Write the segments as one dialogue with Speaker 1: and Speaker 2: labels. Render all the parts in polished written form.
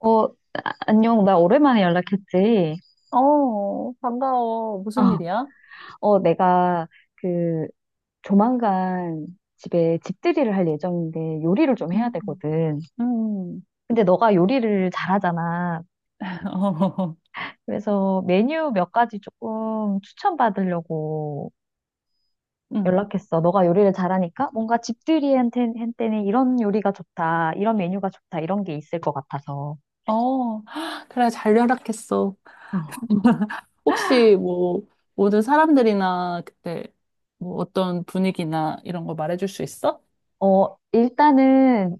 Speaker 1: 어, 안녕. 나 오랜만에 연락했지.
Speaker 2: 어, 반가워. 무슨
Speaker 1: 아,
Speaker 2: 일이야?
Speaker 1: 내가 그 조만간 집에 집들이를 할 예정인데 요리를 좀 해야
Speaker 2: 음.
Speaker 1: 되거든.
Speaker 2: 음,
Speaker 1: 근데 너가 요리를 잘하잖아.
Speaker 2: 어,
Speaker 1: 그래서 메뉴 몇 가지 조금 추천받으려고
Speaker 2: 음,
Speaker 1: 연락했어. 너가 요리를 잘하니까 뭔가 집들이한테 한테는 이런 요리가 좋다, 이런 메뉴가 좋다, 이런 게 있을 것 같아서.
Speaker 2: 어, 그래, 잘 연락했어. 혹시 뭐, 모든 사람들이나 그때 뭐 어떤 분위기나 이런 거 말해줄 수 있어?
Speaker 1: 일단은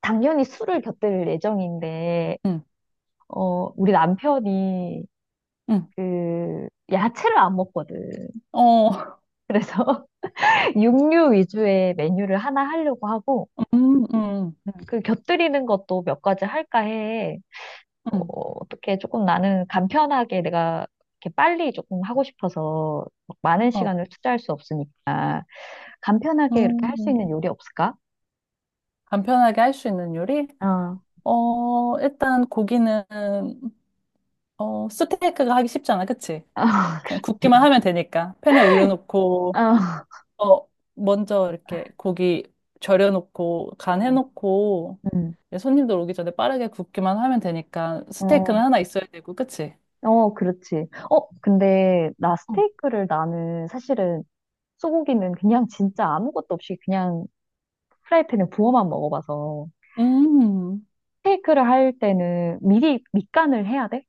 Speaker 1: 당연히 술을 곁들일 예정인데
Speaker 2: 응,
Speaker 1: 우리 남편이
Speaker 2: 응,
Speaker 1: 야채를 안 먹거든.
Speaker 2: 어,
Speaker 1: 그래서 육류 위주의 메뉴를 하나 하려고 하고
Speaker 2: 음, 음,
Speaker 1: 곁들이는 것도 몇 가지 할까 해. 어,
Speaker 2: 음,
Speaker 1: 어떻게 조금 나는 간편하게 내가 이렇게 빨리 조금 하고 싶어서 막 많은
Speaker 2: 어,
Speaker 1: 시간을 투자할 수 없으니까 간편하게 이렇게 할 수
Speaker 2: 음,
Speaker 1: 있는 요리 없을까?
Speaker 2: 간편하게 할 수 있는 요리?
Speaker 1: 어, 어,
Speaker 2: 어, 일단 고기는, 어, 스테이크가 하기 쉽잖아, 그치? 그냥 굽기만
Speaker 1: 그렇지.
Speaker 2: 하면 되니까. 팬에 올려놓고,
Speaker 1: 어,
Speaker 2: 어, 먼저 이렇게 고기 절여놓고 간
Speaker 1: 어,
Speaker 2: 해놓고
Speaker 1: 음,
Speaker 2: 이제 손님들 오기 전에 빠르게 굽기만 하면 되니까 스테이크는
Speaker 1: 어.
Speaker 2: 하나 있어야 되고, 그치?
Speaker 1: 어, 그렇지. 어, 근데 나
Speaker 2: 어,
Speaker 1: 스테이크를 나는 사실은 소고기는 그냥 진짜 아무것도 없이 그냥 프라이팬에 부어만 먹어봐서
Speaker 2: 음,
Speaker 1: 스테이크를 할 때는 미리 밑간을 해야 돼?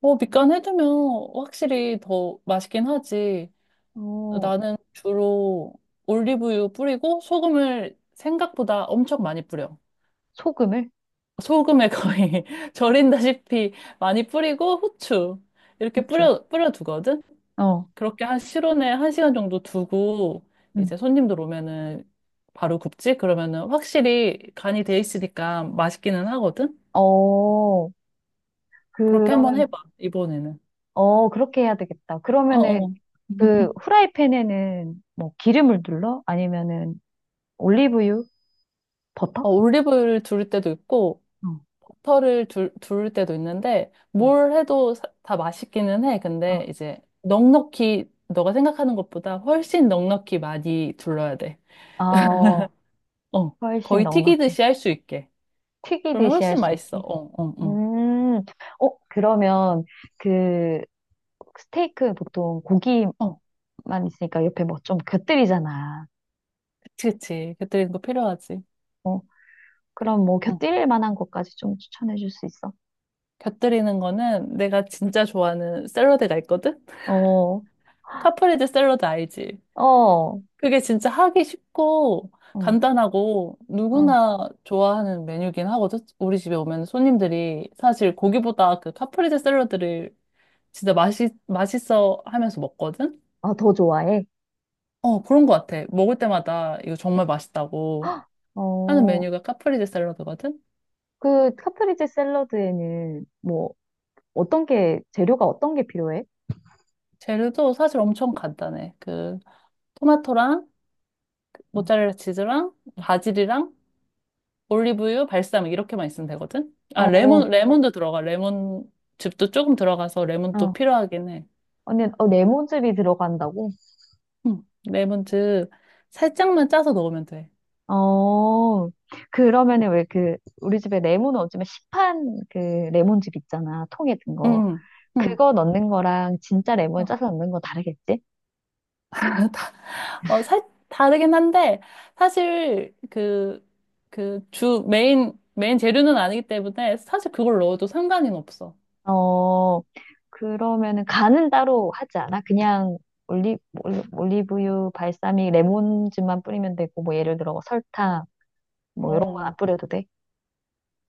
Speaker 2: 뭐 밑간 해두면 확실히 더 맛있긴 하지.
Speaker 1: 어,
Speaker 2: 나는 주로 올리브유 뿌리고 소금을 생각보다 엄청 많이 뿌려.
Speaker 1: 소금을?
Speaker 2: 소금에 거의 절인다시피 많이 뿌리고 후추 이렇게
Speaker 1: 후추.
Speaker 2: 뿌려 두거든.
Speaker 1: 어,
Speaker 2: 그렇게 한 실온에 한 시간 정도 두고
Speaker 1: 응.
Speaker 2: 이제 손님들 오면은 바로 굽지? 그러면은 확실히 간이 돼 있으니까 맛있기는 하거든?
Speaker 1: 어,
Speaker 2: 그렇게 한번 해봐,
Speaker 1: 그러면,
Speaker 2: 이번에는.
Speaker 1: 어, 그렇게 해야 되겠다.
Speaker 2: 어,
Speaker 1: 그러면은
Speaker 2: 어.
Speaker 1: 그 후라이팬에는 뭐 기름을 둘러? 아니면은 올리브유?
Speaker 2: 어,
Speaker 1: 버터?
Speaker 2: 올리브유를 두를 때도 있고,
Speaker 1: 어,
Speaker 2: 버터를 두를 때도 있는데,
Speaker 1: 응.
Speaker 2: 뭘 해도 다 맛있기는 해.
Speaker 1: 어.
Speaker 2: 근데 이제 넉넉히, 너가 생각하는 것보다 훨씬 넉넉히 많이 둘러야 돼.
Speaker 1: 아, 어,
Speaker 2: 어,
Speaker 1: 훨씬
Speaker 2: 거의
Speaker 1: 넉넉히.
Speaker 2: 튀기듯이 할 수 있게. 그러면
Speaker 1: 튀기듯이 할
Speaker 2: 훨씬
Speaker 1: 수
Speaker 2: 맛있어.
Speaker 1: 있게.
Speaker 2: 어, 어,
Speaker 1: 음, 그러면 그 스테이크 보통 고기만
Speaker 2: 어.
Speaker 1: 있으니까 옆에 뭐 좀 곁들이잖아.
Speaker 2: 그치, 그치. 곁들이는 거 필요하지.
Speaker 1: 어, 그럼 뭐
Speaker 2: 응.
Speaker 1: 곁들일 만한 것까지 좀 추천해 줄 수 있어?
Speaker 2: 곁들이는 거는 내가 진짜 좋아하는 샐러드가 있거든?
Speaker 1: 어,
Speaker 2: 카프레제 샐러드 알지?
Speaker 1: 어,
Speaker 2: 그게 진짜 하기 쉽고
Speaker 1: 어,
Speaker 2: 간단하고
Speaker 1: 어.
Speaker 2: 누구나 좋아하는 메뉴긴 하거든? 우리 집에 오면 손님들이 사실 고기보다 그 카프레제 샐러드를 진짜 맛있어 하면서 먹거든?
Speaker 1: 아, 더 좋아해?
Speaker 2: 어, 그런 것 같아. 먹을 때마다 이거 정말 맛있다고 하는
Speaker 1: 어,
Speaker 2: 메뉴가 카프레제 샐러드거든?
Speaker 1: 그 카프리제 샐러드에는 재료가 어떤 게 필요해?
Speaker 2: 재료도 사실 엄청 간단해. 그 토마토랑
Speaker 1: 음,
Speaker 2: 모짜렐라 치즈랑
Speaker 1: 음.
Speaker 2: 바질이랑 올리브유, 발사믹 이렇게만 있으면 되거든. 아, 레몬
Speaker 1: 어,
Speaker 2: 레몬도 들어가. 레몬 즙도 조금 들어가서 레몬도
Speaker 1: 어.
Speaker 2: 필요하긴 해.
Speaker 1: 언니, 레몬즙이 들어간다고?
Speaker 2: 응. 레몬즙 살짝만 짜서 넣으면 돼.
Speaker 1: 어, 그러면은 왜 우리 집에 레몬은 어쩌면 시판 레몬즙 있잖아. 통에 든 거.
Speaker 2: 응. 응.
Speaker 1: 그거 넣는 거랑 진짜 레몬
Speaker 2: 어,
Speaker 1: 짜서 넣는 거 다르겠지?
Speaker 2: 다- 어, 살 다르긴 한데 사실 그 주 메인 재료는 아니기 때문에 사실 그걸 넣어도 상관은 없어.
Speaker 1: 어, 그러면은 간은 따로 하지 않아? 그냥 올리, 올리브유, 발사믹, 레몬즙만 뿌리면 되고, 뭐 예를 들어 뭐 설탕, 뭐 이런 건
Speaker 2: 어.
Speaker 1: 안 뿌려도 돼?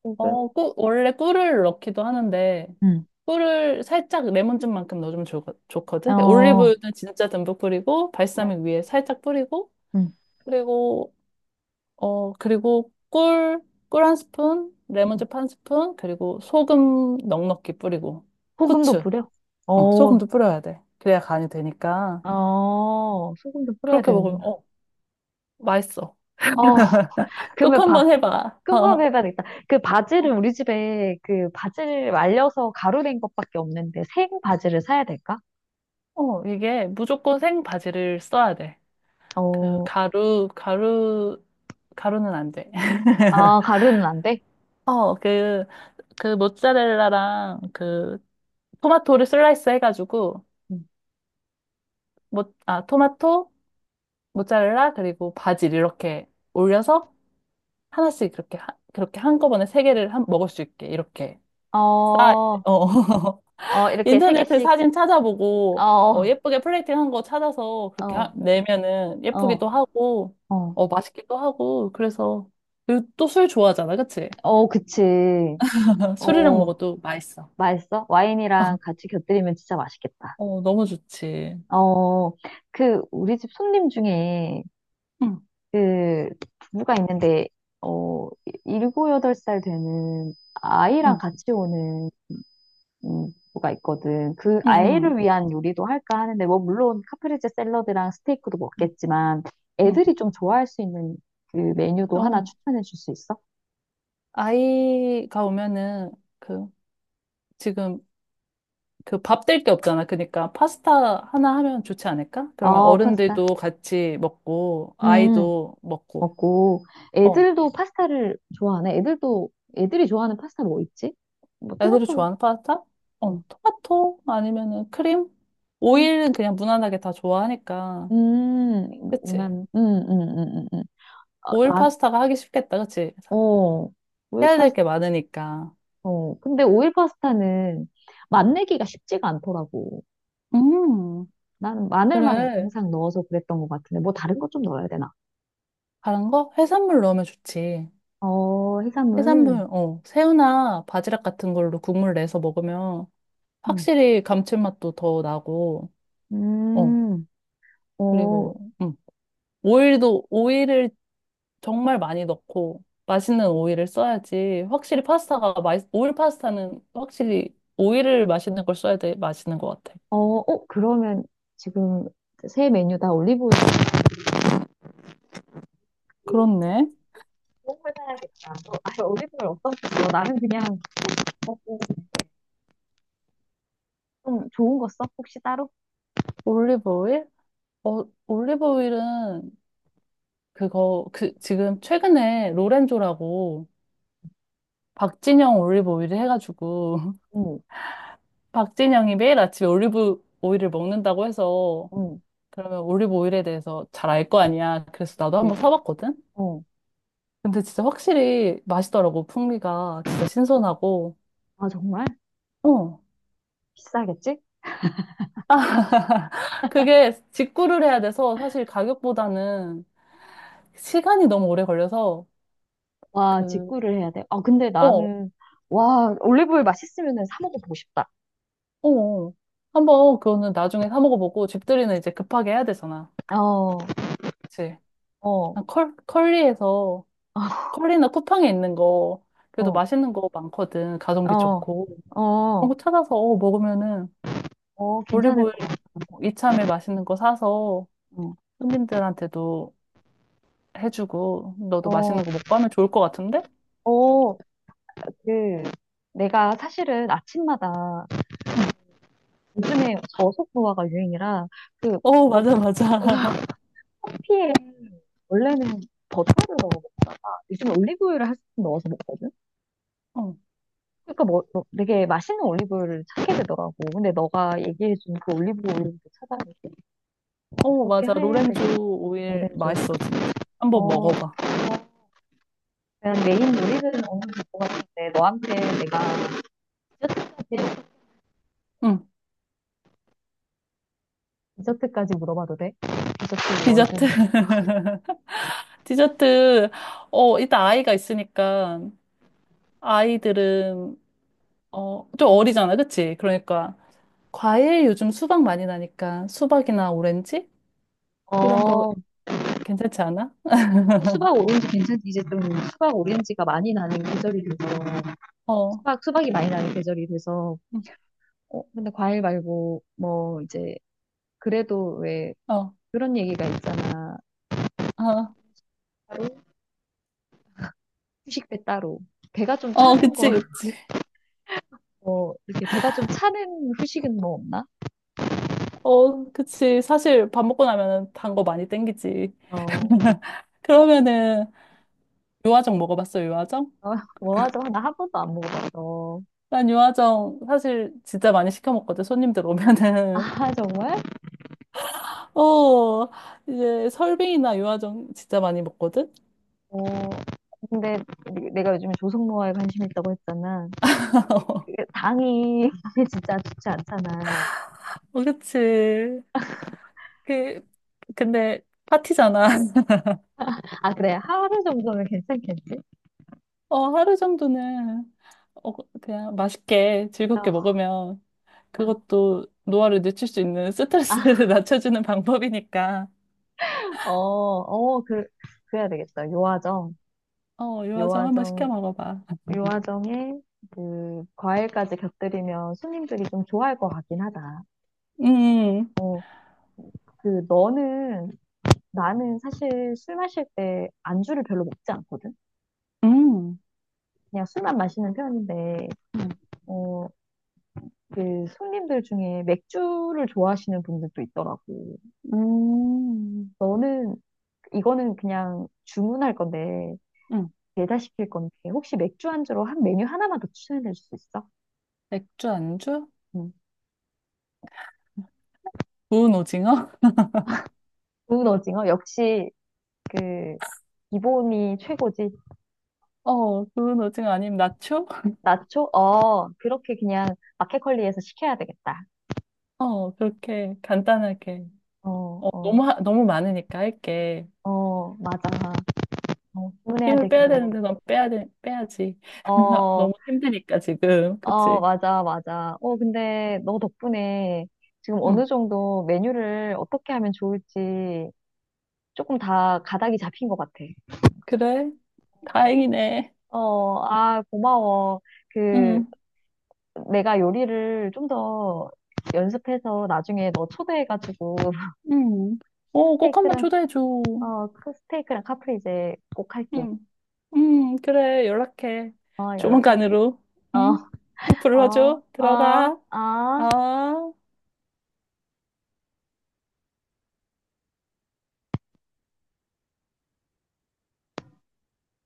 Speaker 1: 소금.
Speaker 2: 어, 꿀, 원래 꿀을 넣기도 하는데,
Speaker 1: 응.
Speaker 2: 꿀을 살짝 레몬즙만큼 넣어주면 좋거든. 그러니까
Speaker 1: 어,
Speaker 2: 올리브유는 진짜 듬뿍 뿌리고,
Speaker 1: 네.
Speaker 2: 발사믹 위에 살짝 뿌리고,
Speaker 1: 응.
Speaker 2: 그리고, 그리고 꿀 한 스푼,
Speaker 1: 응.
Speaker 2: 레몬즙 한 스푼, 그리고 소금 넉넉히 뿌리고,
Speaker 1: 소금도
Speaker 2: 후추,
Speaker 1: 뿌려?
Speaker 2: 어,
Speaker 1: 어,
Speaker 2: 소금도 뿌려야 돼. 그래야 간이 되니까.
Speaker 1: 어, 소금도 뿌려야
Speaker 2: 그렇게 먹으면,
Speaker 1: 되는구나.
Speaker 2: 어, 맛있어.
Speaker 1: 어,
Speaker 2: 꼭
Speaker 1: 그러면 봐.
Speaker 2: 한번 해봐. 어,
Speaker 1: 끔화배반 있다. 그 바지를 우리 집에 그 바지를 말려서 가루된 것밖에 없는데 생 바지를 사야 될까?
Speaker 2: 어, 이게 무조건 생 바지를 써야 돼. 그
Speaker 1: 어,
Speaker 2: 가루는 안 돼.
Speaker 1: 아, 가루는 안 돼?
Speaker 2: 어, 그 모짜렐라랑 그 토마토를 슬라이스 해가지고
Speaker 1: 음.
Speaker 2: 아 토마토 모짜렐라 그리고 바질 이렇게 올려서 하나씩 그렇게 그렇게 한꺼번에 세 개를 먹을 수 있게 이렇게 싸.
Speaker 1: 어,
Speaker 2: 어
Speaker 1: 어, 이렇게 세
Speaker 2: 인터넷에
Speaker 1: 개씩.
Speaker 2: 사진 찾아보고 어,
Speaker 1: 어,
Speaker 2: 예쁘게 플레이팅 한 거 찾아서 그렇게
Speaker 1: 어,
Speaker 2: 내면은 예쁘기도
Speaker 1: 어,
Speaker 2: 하고
Speaker 1: 어,
Speaker 2: 어 맛있기도 하고 그래서 그 또술 좋아하잖아, 그치?
Speaker 1: 어, 그치.
Speaker 2: 술이랑
Speaker 1: 어,
Speaker 2: 먹어도 맛있어.
Speaker 1: 맛있어? 와인이랑 같이 곁들이면 진짜 맛있겠다.
Speaker 2: 어, 너무 좋지.
Speaker 1: 어, 그 우리 집 손님 중에
Speaker 2: 응,
Speaker 1: 그 부부가 있는데 어, 7, 8살 되는 아이랑
Speaker 2: 응,
Speaker 1: 같이 오는 뭐가 있거든. 그
Speaker 2: 응, 응,
Speaker 1: 아이를 위한 요리도 할까 하는데, 뭐, 물론 카프레제 샐러드랑 스테이크도
Speaker 2: 응.
Speaker 1: 먹겠지만,
Speaker 2: 응.
Speaker 1: 애들이 좀 좋아할 수 있는 그 메뉴도 하나
Speaker 2: 어,
Speaker 1: 추천해 줄 수 있어?
Speaker 2: 아이가 오면은 그 지금 그 밥 될 게 없잖아. 그러니까 파스타 하나 하면 좋지 않을까? 그러면
Speaker 1: 어, 파스타.
Speaker 2: 어른들도 같이 먹고
Speaker 1: 음,
Speaker 2: 아이도 먹고.
Speaker 1: 먹고.
Speaker 2: 어,
Speaker 1: 애들도 파스타를 좋아하네. 애들도, 애들이 좋아하는 파스타 뭐 있지? 뭐,
Speaker 2: 애들이
Speaker 1: 토마토.
Speaker 2: 좋아하는 파스타?
Speaker 1: 음,
Speaker 2: 어, 토마토 아니면은 크림? 오일은 그냥 무난하게 다 좋아하니까.
Speaker 1: 음,
Speaker 2: 그치?
Speaker 1: 난, 음. 어,
Speaker 2: 오일
Speaker 1: 난,
Speaker 2: 파스타가 하기 쉽겠다. 그치?
Speaker 1: 어, 오일
Speaker 2: 해야 될
Speaker 1: 파스타,
Speaker 2: 게 많으니까.
Speaker 1: 어. 근데 오일 파스타는 맛내기가 쉽지가 않더라고.
Speaker 2: 음.
Speaker 1: 나는 마늘만
Speaker 2: 그래.
Speaker 1: 항상 넣어서 그랬던 것 같은데, 뭐 다른 것 좀 넣어야 되나?
Speaker 2: 다른 거? 해산물 넣으면 좋지.
Speaker 1: 어, 해산물.
Speaker 2: 해산물, 어, 새우나 바지락 같은 걸로 국물 내서 먹으면
Speaker 1: 음.
Speaker 2: 확실히 감칠맛도 더 나고, 어,
Speaker 1: 음, 어,
Speaker 2: 그리고, 음, 오일도, 오일을 정말 많이 넣고, 맛있는 오일을 써야지. 확실히 파스타가 오일 파스타는 확실히 오일을 맛있는 걸 써야 돼. 맛있는 것 같아.
Speaker 1: 그러면 지금 새 메뉴 다 올리브오일
Speaker 2: 그렇네.
Speaker 1: 좋은 걸 사야겠다. 너, 아, 올리브오일 어떤 거 써? 나는 그냥 먹고 좀 좋은 거 써? 혹시 따로?
Speaker 2: 올리브 오일? 어, 올리브 오일은 그거, 그, 지금 최근에 로렌조라고 박진영 올리브 오일을 해가지고
Speaker 1: 응,
Speaker 2: 박진영이 매일 아침에 올리브 오일을 먹는다고 해서
Speaker 1: 응,
Speaker 2: 그러면 올리브 오일에 대해서 잘 알 거 아니야. 그래서 나도
Speaker 1: 네.
Speaker 2: 한번 사봤거든.
Speaker 1: 어.
Speaker 2: 근데 진짜 확실히 맛있더라고. 풍미가 진짜 신선하고.
Speaker 1: 아, 정말?
Speaker 2: 어.
Speaker 1: 비싸겠지?
Speaker 2: 아, 그게 직구를 해야 돼서 사실 가격보다는 시간이 너무 오래 걸려서
Speaker 1: 와,
Speaker 2: 그,
Speaker 1: 직구를 해야 돼. 아, 근데
Speaker 2: 어,
Speaker 1: 나는, 와, 올리브오일 맛있으면 사 먹어보고 싶다.
Speaker 2: 어, 어. 한번 그거는 나중에 사 먹어보고 집들이는 이제 급하게 해야 되잖아.
Speaker 1: 어,
Speaker 2: 그치?
Speaker 1: 어,
Speaker 2: 난 컬, 컬리에서 컬리나 쿠팡에 있는 거 그래도
Speaker 1: 어,
Speaker 2: 맛있는 거 많거든. 가성비
Speaker 1: 어,
Speaker 2: 좋고. 그런
Speaker 1: 어.
Speaker 2: 거 찾아서 어, 먹으면은
Speaker 1: 어, 괜찮을 것
Speaker 2: 올리브오일
Speaker 1: 같아.
Speaker 2: 이참에 맛있는 거 사서 손님들한테도 해주고 너도
Speaker 1: 어,
Speaker 2: 맛있는 거 먹고 하면 좋을 것 같은데?
Speaker 1: 어, 그, 내가 사실은 아침마다
Speaker 2: 응.
Speaker 1: 요즘에 저속노화가 유행이라 그
Speaker 2: 어, 맞아, 맞아.
Speaker 1: 커피에 원래는 버터를 넣어. 먹어. 요즘 올리브유를 1스푼 넣어서 먹거든?
Speaker 2: 어,
Speaker 1: 그러니까 뭐, 뭐 되게 맛있는 올리브유를 찾게 되더라고. 근데 너가 얘기해준 그 올리브 오일도 찾아볼
Speaker 2: 어,
Speaker 1: 그렇게
Speaker 2: 맞아.
Speaker 1: 해야
Speaker 2: 로렌조
Speaker 1: 되겠어, 렌
Speaker 2: 오일
Speaker 1: 좀
Speaker 2: 맛있어, 진짜.
Speaker 1: 어,
Speaker 2: 한번
Speaker 1: 어,
Speaker 2: 먹어봐.
Speaker 1: 그냥 메인 요리는 어느 정도 될것 같은데, 너한테 내가
Speaker 2: 응.
Speaker 1: 디저트까지 물어봐도 돼? 디저트 월드.
Speaker 2: 디저트. 디저트. 어, 일단 아이가 있으니까 아이들은 어, 좀 어리잖아, 그치? 그러니까 과일 요즘 수박 많이 나니까 수박이나 오렌지 이런 거
Speaker 1: 어,
Speaker 2: 괜찮지 않아?
Speaker 1: 어, 수박 오렌지 괜찮지? 이제 좀 수박 오렌지가 많이 나는 계절이 돼서,
Speaker 2: 어,
Speaker 1: 수박, 수박이 많이 나는 계절이 돼서, 어, 근데 과일 말고, 뭐, 이제, 그래도 왜,
Speaker 2: 응. 어,
Speaker 1: 그런 얘기가 있잖아.
Speaker 2: 어,
Speaker 1: 따로, 후식 배 따로. 배가 좀
Speaker 2: 어,
Speaker 1: 차는 거,
Speaker 2: 그치, 그치.
Speaker 1: 뭐, 이렇게 배가 좀 차는 후식은 뭐 없나?
Speaker 2: 어, 그치. 사실 밥 먹고 나면은 단 거 많이 땡기지.
Speaker 1: 어,
Speaker 2: 그러면은 유화정 먹어봤어, 유화정?
Speaker 1: 어, 뭐 하죠? 나 한 번도 안 먹어봐서.
Speaker 2: 난 유화정 사실 진짜 많이 시켜 먹거든. 손님들 오면은
Speaker 1: 아, 정말?
Speaker 2: 어 이제 설빙이나 유화정 진짜 많이 먹거든.
Speaker 1: 어, 근데 내가 요즘에 조성모아에 관심 있다고 했잖아. 이게 당이 진짜 좋지 않잖아.
Speaker 2: 어, 그치. 그 근데 파티잖아.
Speaker 1: 아, 그래. 하루 정도면 괜찮겠지?
Speaker 2: 어, 하루 정도는 어, 그, 그냥 맛있게
Speaker 1: 어,
Speaker 2: 즐겁게 먹으면 그것도 노화를 늦출 수 있는 스트레스를
Speaker 1: 아,
Speaker 2: 낮춰주는 방법이니까.
Speaker 1: 어, 어, 그, 그래야 되겠다. 요아정.
Speaker 2: 어, 유화정 한번 시켜
Speaker 1: 요아정,
Speaker 2: 먹어봐.
Speaker 1: 요아정에 그 과일까지 곁들이면 손님들이 좀 좋아할 것 같긴 하다.
Speaker 2: 음,
Speaker 1: 어, 그 너는 나는 사실 술 마실 때 안주를 별로 먹지 않거든.
Speaker 2: 음,
Speaker 1: 그냥 술만 마시는 편인데
Speaker 2: 음,
Speaker 1: 어, 그 손님들 중에 맥주를 좋아하시는 분들도 있더라고.
Speaker 2: 음,
Speaker 1: 너는 이거는 그냥 주문할 건데
Speaker 2: 음.
Speaker 1: 배달시킬 건데 혹시 맥주 안주로 한 메뉴 하나만 더 추천해 줄 수 있어?
Speaker 2: 맥주 안주?
Speaker 1: 음.
Speaker 2: 구운 오징어?
Speaker 1: 구운 오징어 역시 그 기본이 최고지.
Speaker 2: 어, 구운 오징어 아니면 나초?
Speaker 1: 나초? 어, 그렇게 그냥 마켓컬리에서 시켜야 되겠다.
Speaker 2: 어, 그렇게 간단하게.
Speaker 1: 어,
Speaker 2: 어,
Speaker 1: 어,
Speaker 2: 너무 많으니까 할게.
Speaker 1: 어, 맞아.
Speaker 2: 어,
Speaker 1: 주문해야
Speaker 2: 힘을 빼야
Speaker 1: 되기도.
Speaker 2: 되는데 난 빼야 돼, 빼야지.
Speaker 1: 어,
Speaker 2: 너무 힘드니까 지금.
Speaker 1: 어,
Speaker 2: 그치?
Speaker 1: 맞아, 맞아. 어, 근데 너 덕분에 지금 어느
Speaker 2: 응.
Speaker 1: 정도 메뉴를 어떻게 하면 좋을지 조금 다 가닥이 잡힌 것 같아.
Speaker 2: 그래?
Speaker 1: 어,
Speaker 2: 다행이네.
Speaker 1: 어, 아, 고마워. 그,
Speaker 2: 응.
Speaker 1: 내가 요리를 좀 더 연습해서 나중에 너 초대해가지고
Speaker 2: 응. 어, 꼭 한번
Speaker 1: 스테이크랑
Speaker 2: 초대해줘.
Speaker 1: 스테이크랑 카프리제 꼭 할게.
Speaker 2: 응. 응, 그래. 연락해.
Speaker 1: 어, 연락할게.
Speaker 2: 조만간으로.
Speaker 1: 어,
Speaker 2: 응? 또
Speaker 1: 어,
Speaker 2: 불러줘.
Speaker 1: 어,
Speaker 2: 들어가.
Speaker 1: 어.
Speaker 2: 아.